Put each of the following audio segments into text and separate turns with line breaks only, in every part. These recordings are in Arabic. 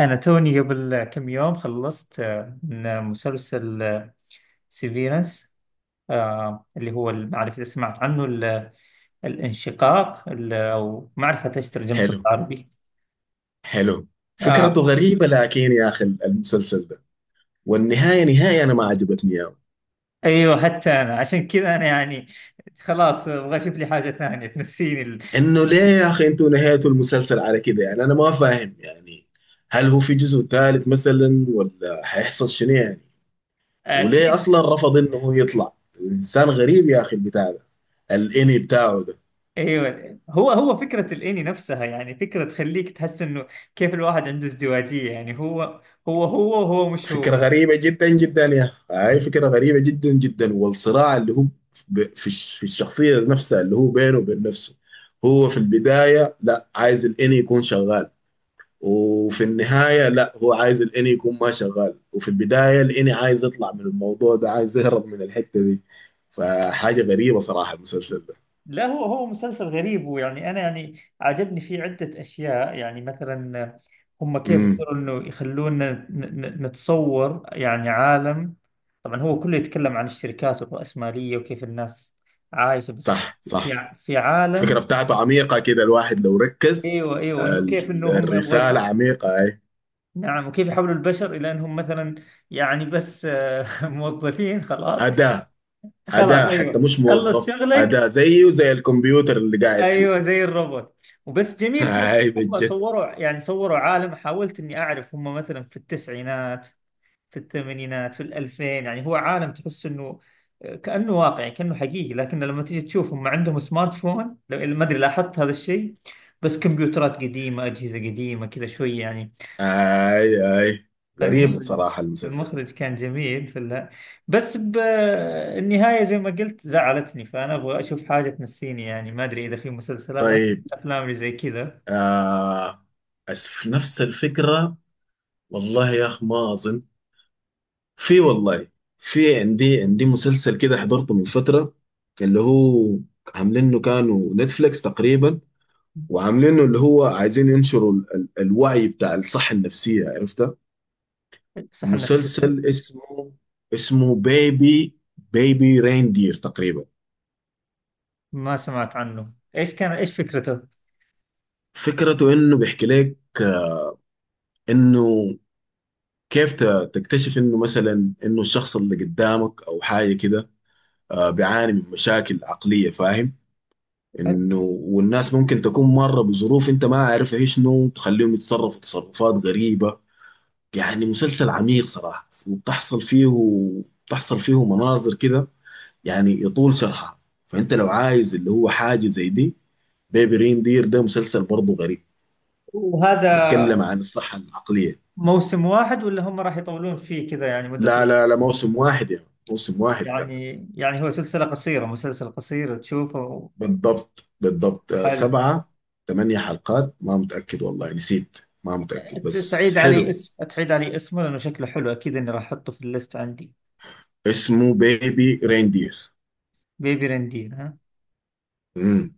أنا توني قبل كم يوم خلصت من مسلسل سيفيرنس اللي هو ما أعرف إذا سمعت عنه الانشقاق، أو ما أعرف حتى إيش ترجمته
حلو.
بالعربي.
حلو. فكرته
آه،
غريبة لكن يا أخي المسلسل ده. والنهاية أنا ما عجبتني يا.
أيوه، حتى أنا عشان كذا أنا يعني خلاص، أبغى أشوف لي حاجة ثانية تنسيني
إنه ليه يا أخي أنتوا نهايتوا المسلسل على كده؟ يعني أنا ما فاهم يعني. هل هو في جزء ثالث مثلا ولا هيحصل شنو يعني؟ وليه
أكيد.
أصلا رفض إنه هو يطلع؟ إنسان غريب يا أخي البتاع ده، الإني بتاعه ده.
أيوه، هو هو فكرة الإني نفسها، يعني فكرة تخليك تحس إنه كيف الواحد عنده ازدواجية، يعني هو هو هو وهو مش
فكرة
هو.
غريبة جدا جدا يا أخي، هاي فكرة غريبة جدا جدا، والصراع اللي هو في في الشخصية نفسها اللي هو بينه وبين نفسه. هو في البداية لا عايز الإني يكون شغال، وفي النهاية لا هو عايز الإني يكون ما شغال، وفي البداية الإني عايز يطلع من الموضوع ده، عايز يهرب من الحتة دي. فحاجة غريبة صراحة المسلسل ده.
لا، هو هو مسلسل غريب، ويعني انا يعني عجبني فيه عده اشياء، يعني مثلا هم كيف
امم.
قدروا انه يخلونا نتصور يعني عالم. طبعا هو كله يتكلم عن الشركات والرأسمالية وكيف الناس عايشة، بس
صح
في
صح.
في عالم.
الفكرة بتاعته عميقة كده، الواحد لو ركز.
ايوه ايوه، انه كيف انه هم يبغوا
الرسالة عميقة، أي.
نعم. وكيف يحولوا البشر الى انهم مثلا يعني بس، موظفين خلاص.
أداة.
خلاص،
أداة حتى
ايوه،
مش
خلص
موظف،
شغلك.
أداة زيه وزي الكمبيوتر اللي قاعد فيه.
ايوه زي الروبوت. وبس جميل كيف
هاي
هم
بجد.
صوروا يعني صوروا عالم. حاولت اني اعرف هم مثلا في التسعينات، في الثمانينات، في الألفين، يعني هو عالم تحس انه كأنه واقعي كأنه حقيقي. لكن لما تيجي تشوف هم عندهم سمارت فون، ما ادري لاحظت هذا الشيء، بس كمبيوترات قديمة، أجهزة قديمة كذا شوي يعني.
هاي. هاي. غريب
فالمخرج،
بصراحة المسلسل.
المخرج كان جميل في بس بالنهاية زي ما قلت زعلتني، فأنا أبغى أشوف حاجة تنسيني. يعني ما أدري إذا في مسلسلات، أنا أحب
طيب.
الأفلام اللي زي كذا.
آه. في نفس الفكرة، والله يا أخ ما أظن. في والله. في. عندي مسلسل كده حضرته من فترة، اللي هو عاملينه كانوا نتفليكس تقريبا، وعاملينه اللي هو عايزين ينشروا الوعي بتاع الصحة النفسية، عرفتها.
صح، نفسية.
مسلسل اسمه، اسمه بيبي ريندير تقريبا.
ما سمعت عنه، إيش كان، إيش فكرته؟
فكرته انه بيحكي لك انه كيف تكتشف انه مثلا انه الشخص اللي قدامك او حاجه كده، بيعاني من مشاكل عقليه، فاهم. انه والناس ممكن تكون مره بظروف انت ما عارفها ايش شنو، تخليهم يتصرفوا تصرفات غريبه. يعني مسلسل عميق صراحه، وبتحصل فيه بتحصل فيه مناظر كده، يعني يطول شرحها. فانت لو عايز اللي هو حاجه زي دي، بيبي ريندير ده مسلسل برضه غريب،
وهذا
بيتكلم عن الصحة العقلية.
موسم واحد ولا هم راح يطولون فيه كذا يعني مدة
لا
طويلة؟
لا لا، موسم واحد يا يعني. موسم واحد كان.
يعني يعني هو سلسلة قصيرة، مسلسل قصير تشوفه.
بالضبط بالضبط.
حلو.
سبعة ثمانية حلقات، ما متأكد والله، نسيت. ما متأكد بس
تعيد علي
حلو.
اسم، تعيد علي اسمه، لأنه شكله حلو أكيد إني راح أحطه في الليست عندي.
اسمه بيبي ريندير.
بيبي رندين، ها.
امم.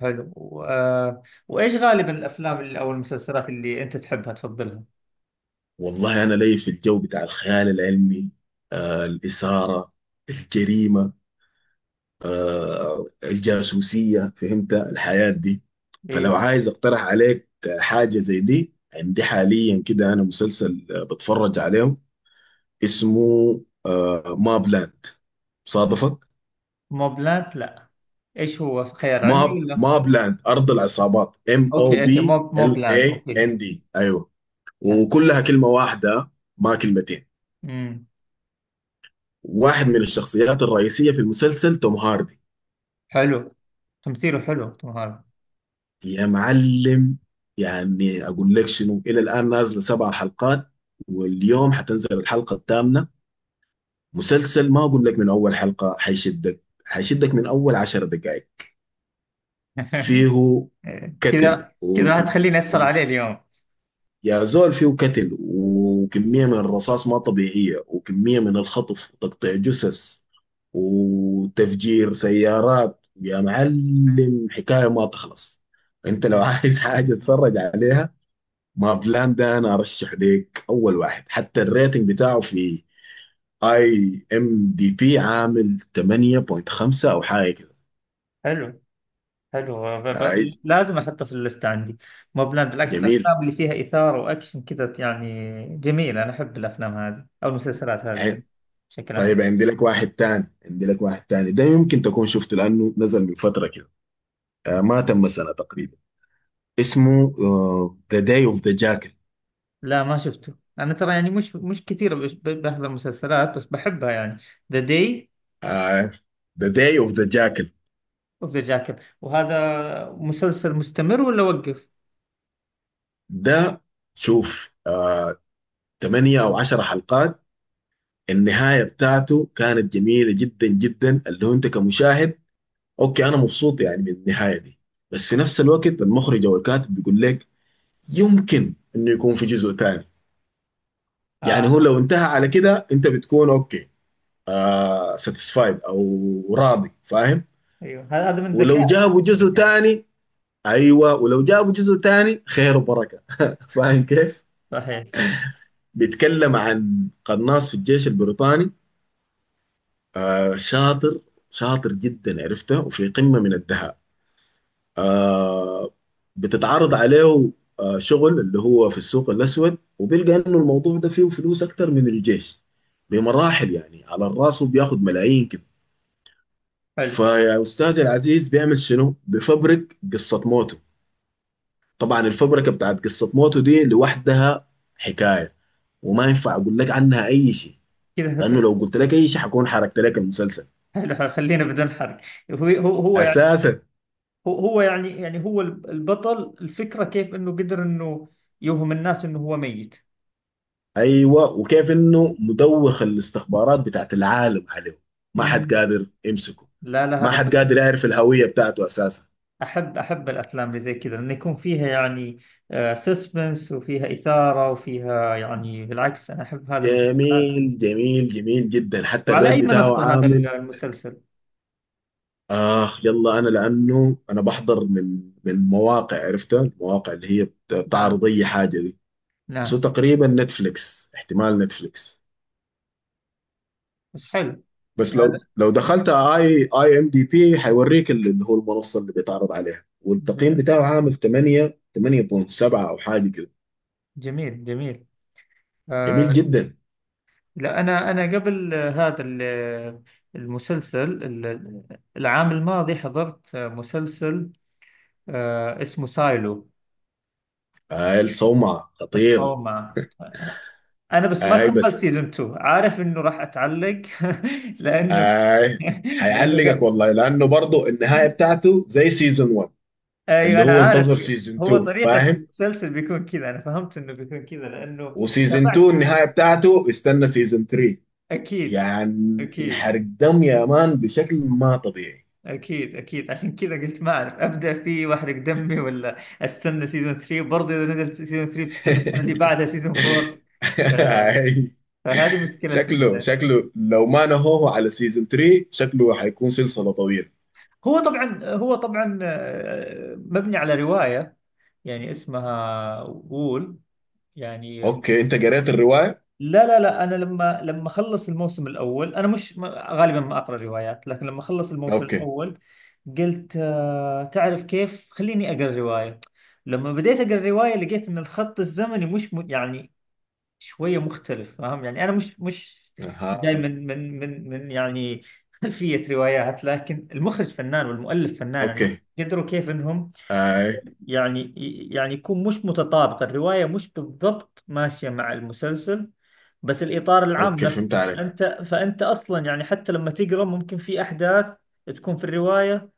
حلو وايش غالبا الافلام اللي او المسلسلات اللي انت تحبها تفضلها؟
والله أنا لي في الجو بتاع الخيال العلمي، آه الإثارة، الجريمة، الجاسوسية، فهمت الحياة دي. فلو
ايوه.
عايز اقترح عليك حاجة زي دي، عندي حاليا كده انا مسلسل بتفرج عليه، اسمه ماب لاند، صادفك؟
موب لاند؟ لا. ايش هو، خيال علمي ولا؟
ماب لاند، ارض العصابات، ام او
اوكي
بي
اوكي، موب
ال
موب لاند
اي ان
اوكي.
دي، ايوه.
لاند.
وكلها كلمة واحدة، ما كلمتين.
امم.
واحد من الشخصيات الرئيسية في المسلسل توم هاردي.
حلو. تمثيله حلو، توم هاردي.
يا معلم، يعني اقول لك شنو، الى الان نازله سبع حلقات، واليوم حتنزل الحلقه الثامنه. مسلسل، ما اقول لك من اول حلقه حيشدك من اول 10 دقائق. فيه قتل
كذا كذا راح
وكم...
تخليني اسهر
و-
عليه اليوم.
يا زول فيه قتل، وكميه من الرصاص ما طبيعيه، وكميه من الخطف وتقطيع جثث وتفجير سيارات، يا معلم حكايه ما تخلص. انت لو
مم.
عايز حاجه تتفرج عليها، ما بلان ده انا ارشح ليك اول واحد، حتى الريتنج بتاعه في اي ام دي بي عامل 8.5 او حاجه كده.
حلو حلو،
هاي
لازم احطه في الليست عندي. موب لاند، بالعكس
جميل.
الافلام اللي فيها اثاره واكشن كذا يعني جميله، انا احب الافلام هذه او المسلسلات هذه يعني
هاي.
بشكل عام.
طيب عندي لك واحد تاني، عندي لك واحد تاني ده يمكن تكون شفته لانه نزل من فتره كده، آه ما تم سنه تقريبا. اسمه ذا داي اوف ذا جاكل.
لا ما شفته انا، ترى يعني مش مش كثير بحضر مسلسلات بس بحبها يعني. ذا داي
ذا داي اوف ذا جاكل
اوف ذا جاكيت. وهذا مسلسل مستمر ولا وقف؟
ده، شوف آه 8 او 10 حلقات. النهايه بتاعته كانت جميله جدا جدا، اللي هو انت كمشاهد اوكي انا مبسوط يعني من النهايه دي. بس في نفس الوقت المخرج او الكاتب بيقول لك يمكن انه يكون في جزء تاني.
اه.
يعني هو لو انتهى على كده انت بتكون اوكي، آه ساتيسفايد او راضي، فاهم.
ايوه، هذا من ذكاء
ولو جابوا جزء
المخرج يعني.
تاني، ايوه ولو جابوا جزء تاني خير وبركه فاهم كيف.
صحيح.
بيتكلم عن قناص في الجيش البريطاني، آه شاطر، شاطر جدا عرفته، وفي قمه من الدهاء، آه. بتتعرض عليه آه شغل اللي هو في السوق الأسود، وبيلقى إنه الموضوع ده فيه فلوس أكتر من الجيش بمراحل، يعني على الراس، وبياخد ملايين كده.
حلو
فيا أستاذي العزيز بيعمل شنو؟ بفبرك قصة موته. طبعا الفبركة بتاعت قصة موته دي لوحدها حكاية، وما ينفع أقول لك عنها أي شيء،
كذا،
لأنه لو قلت لك أي شيء حكون حركت لك المسلسل
حلو حلو. خلينا بدون حرق. هو هو هو يعني،
أساسا.
هو هو يعني يعني هو البطل، الفكرة كيف انه قدر انه يوهم الناس انه هو ميت.
ايوه، وكيف انه مدوخ الاستخبارات بتاعت العالم عليه، ما حد
امم.
قادر يمسكه،
لا لا،
ما
هذا
حد
حلو.
قادر يعرف الهويه بتاعته اساسا.
أحب أحب الأفلام اللي زي كذا، لأن يكون فيها يعني سسبنس وفيها إثارة وفيها يعني. بالعكس أنا أحب هذا المسلسلات.
جميل جميل جميل جدا، حتى
وعلى
الريت
أي
بتاعه
منصة هذا
عامل.
المسلسل؟
اخ يلا انا، لانه انا بحضر من مواقع عرفتها، المواقع اللي هي
نعم
بتعرض اي حاجه دي. بس هو
نعم.
تقريبا نتفليكس، احتمال نتفليكس.
بس حلو.
بس
هذا
لو دخلت اي ام دي بي، هيوريك اللي هو المنصه اللي بيتعرض عليها، والتقييم بتاعه عامل 8 8.7 او حاجه كده.
جميل جميل.
جميل
آه.
جدا.
لا، أنا قبل هذا المسلسل، العام الماضي حضرت مسلسل آه اسمه سايلو.
اي الصومعه خطير.
الصومعة. أنا بس ما
اي
كملت
بس.
سيزون 2، عارف إنه راح أتعلق. لأنه
اي.
لانه
هيعلقك والله، لانه برضه النهايه بتاعته زي سيزون 1،
ايوه
اللي
انا
هو
عارف.
انتظر سيزون
هو
2،
طريقة
فاهم.
المسلسل بيكون كذا، انا فهمت انه بيكون كذا لانه
وسيزون
تابعت.
2 النهايه بتاعته استنى سيزون 3.
اكيد،
يعني
اكيد
حرق دم يا مان بشكل ما طبيعي.
اكيد اكيد، عشان كذا قلت ما اعرف، ابدا فيه واحرق دمي، ولا استنى سيزون 3 برضه؟ اذا نزل سيزون 3 بستنى السنة اللي بعدها سيزون 4. ف- فهذه مشكلة
شكله لو ما نهوه على سيزون 3 شكله حيكون سلسلة طويلة.
هو طبعا، هو طبعا، مبني على رواية يعني اسمها وول يعني.
اوكي انت قريت الرواية؟
لا لا لا، انا لما اخلص الموسم الاول انا مش غالبا ما اقرا روايات، لكن لما اخلص الموسم
اوكي.
الاول قلت آه تعرف كيف، خليني اقرا روايه. لما بديت اقرا روايه لقيت ان الخط الزمني مش م... يعني شويه مختلف، فاهم يعني. انا مش جاي
اها.
من يعني خلفيه روايات، لكن المخرج فنان والمؤلف فنان يعني
اوكي.
قدروا كيف انهم
اي.
يعني، يعني يكون مش متطابق الرواية، مش بالضبط ماشية مع المسلسل. بس الإطار العام
اوكي فهمت
نفسه
عليك.
أنت، فأنت أصلا يعني حتى لما تقرأ ممكن في أحداث تكون في الرواية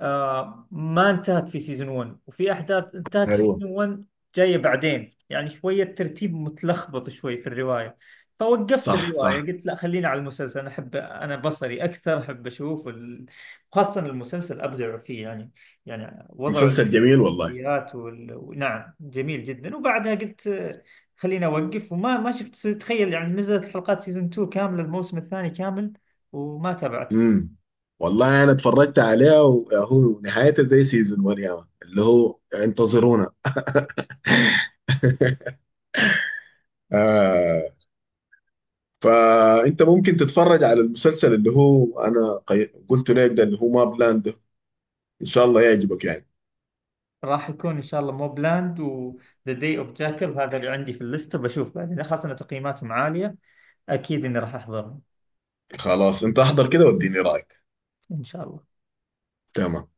ما انتهت في سيزون 1، وفي أحداث انتهت في
ايوه.
سيزون 1 جاية بعدين. يعني شوية ترتيب متلخبط شوي في الرواية. فوقفت
صح
الرواية،
صح.
قلت لا خلينا على المسلسل. أنا أحب، أنا بصري أكثر، أحب أشوف خاصة المسلسل أبدع فيه يعني، يعني وضعه
مسلسل جميل والله.
السيئات نعم جميل جدا. وبعدها قلت خليني اوقف وما ما شفت تخيل يعني نزلت حلقات سيزون 2 كامله، الموسم الثاني كامل وما تابعت.
امم. والله انا اتفرجت عليه، وهو نهايته زي سيزون 1 يا مان، اللي هو انتظرونا، آه. فانت ممكن تتفرج على المسلسل اللي هو انا قلت لك ده اللي هو ما بلاند ده، ان شاء الله يعجبك يعني.
راح يكون ان شاء الله موب لاند، وذا داي اوف جاكل، هذا اللي عندي في الليسته، بشوف بعدين خاصه ان تقييماتهم عاليه. اكيد اني راح احضرهم
خلاص انت احضر كده واديني رايك.
ان شاء الله.
تمام.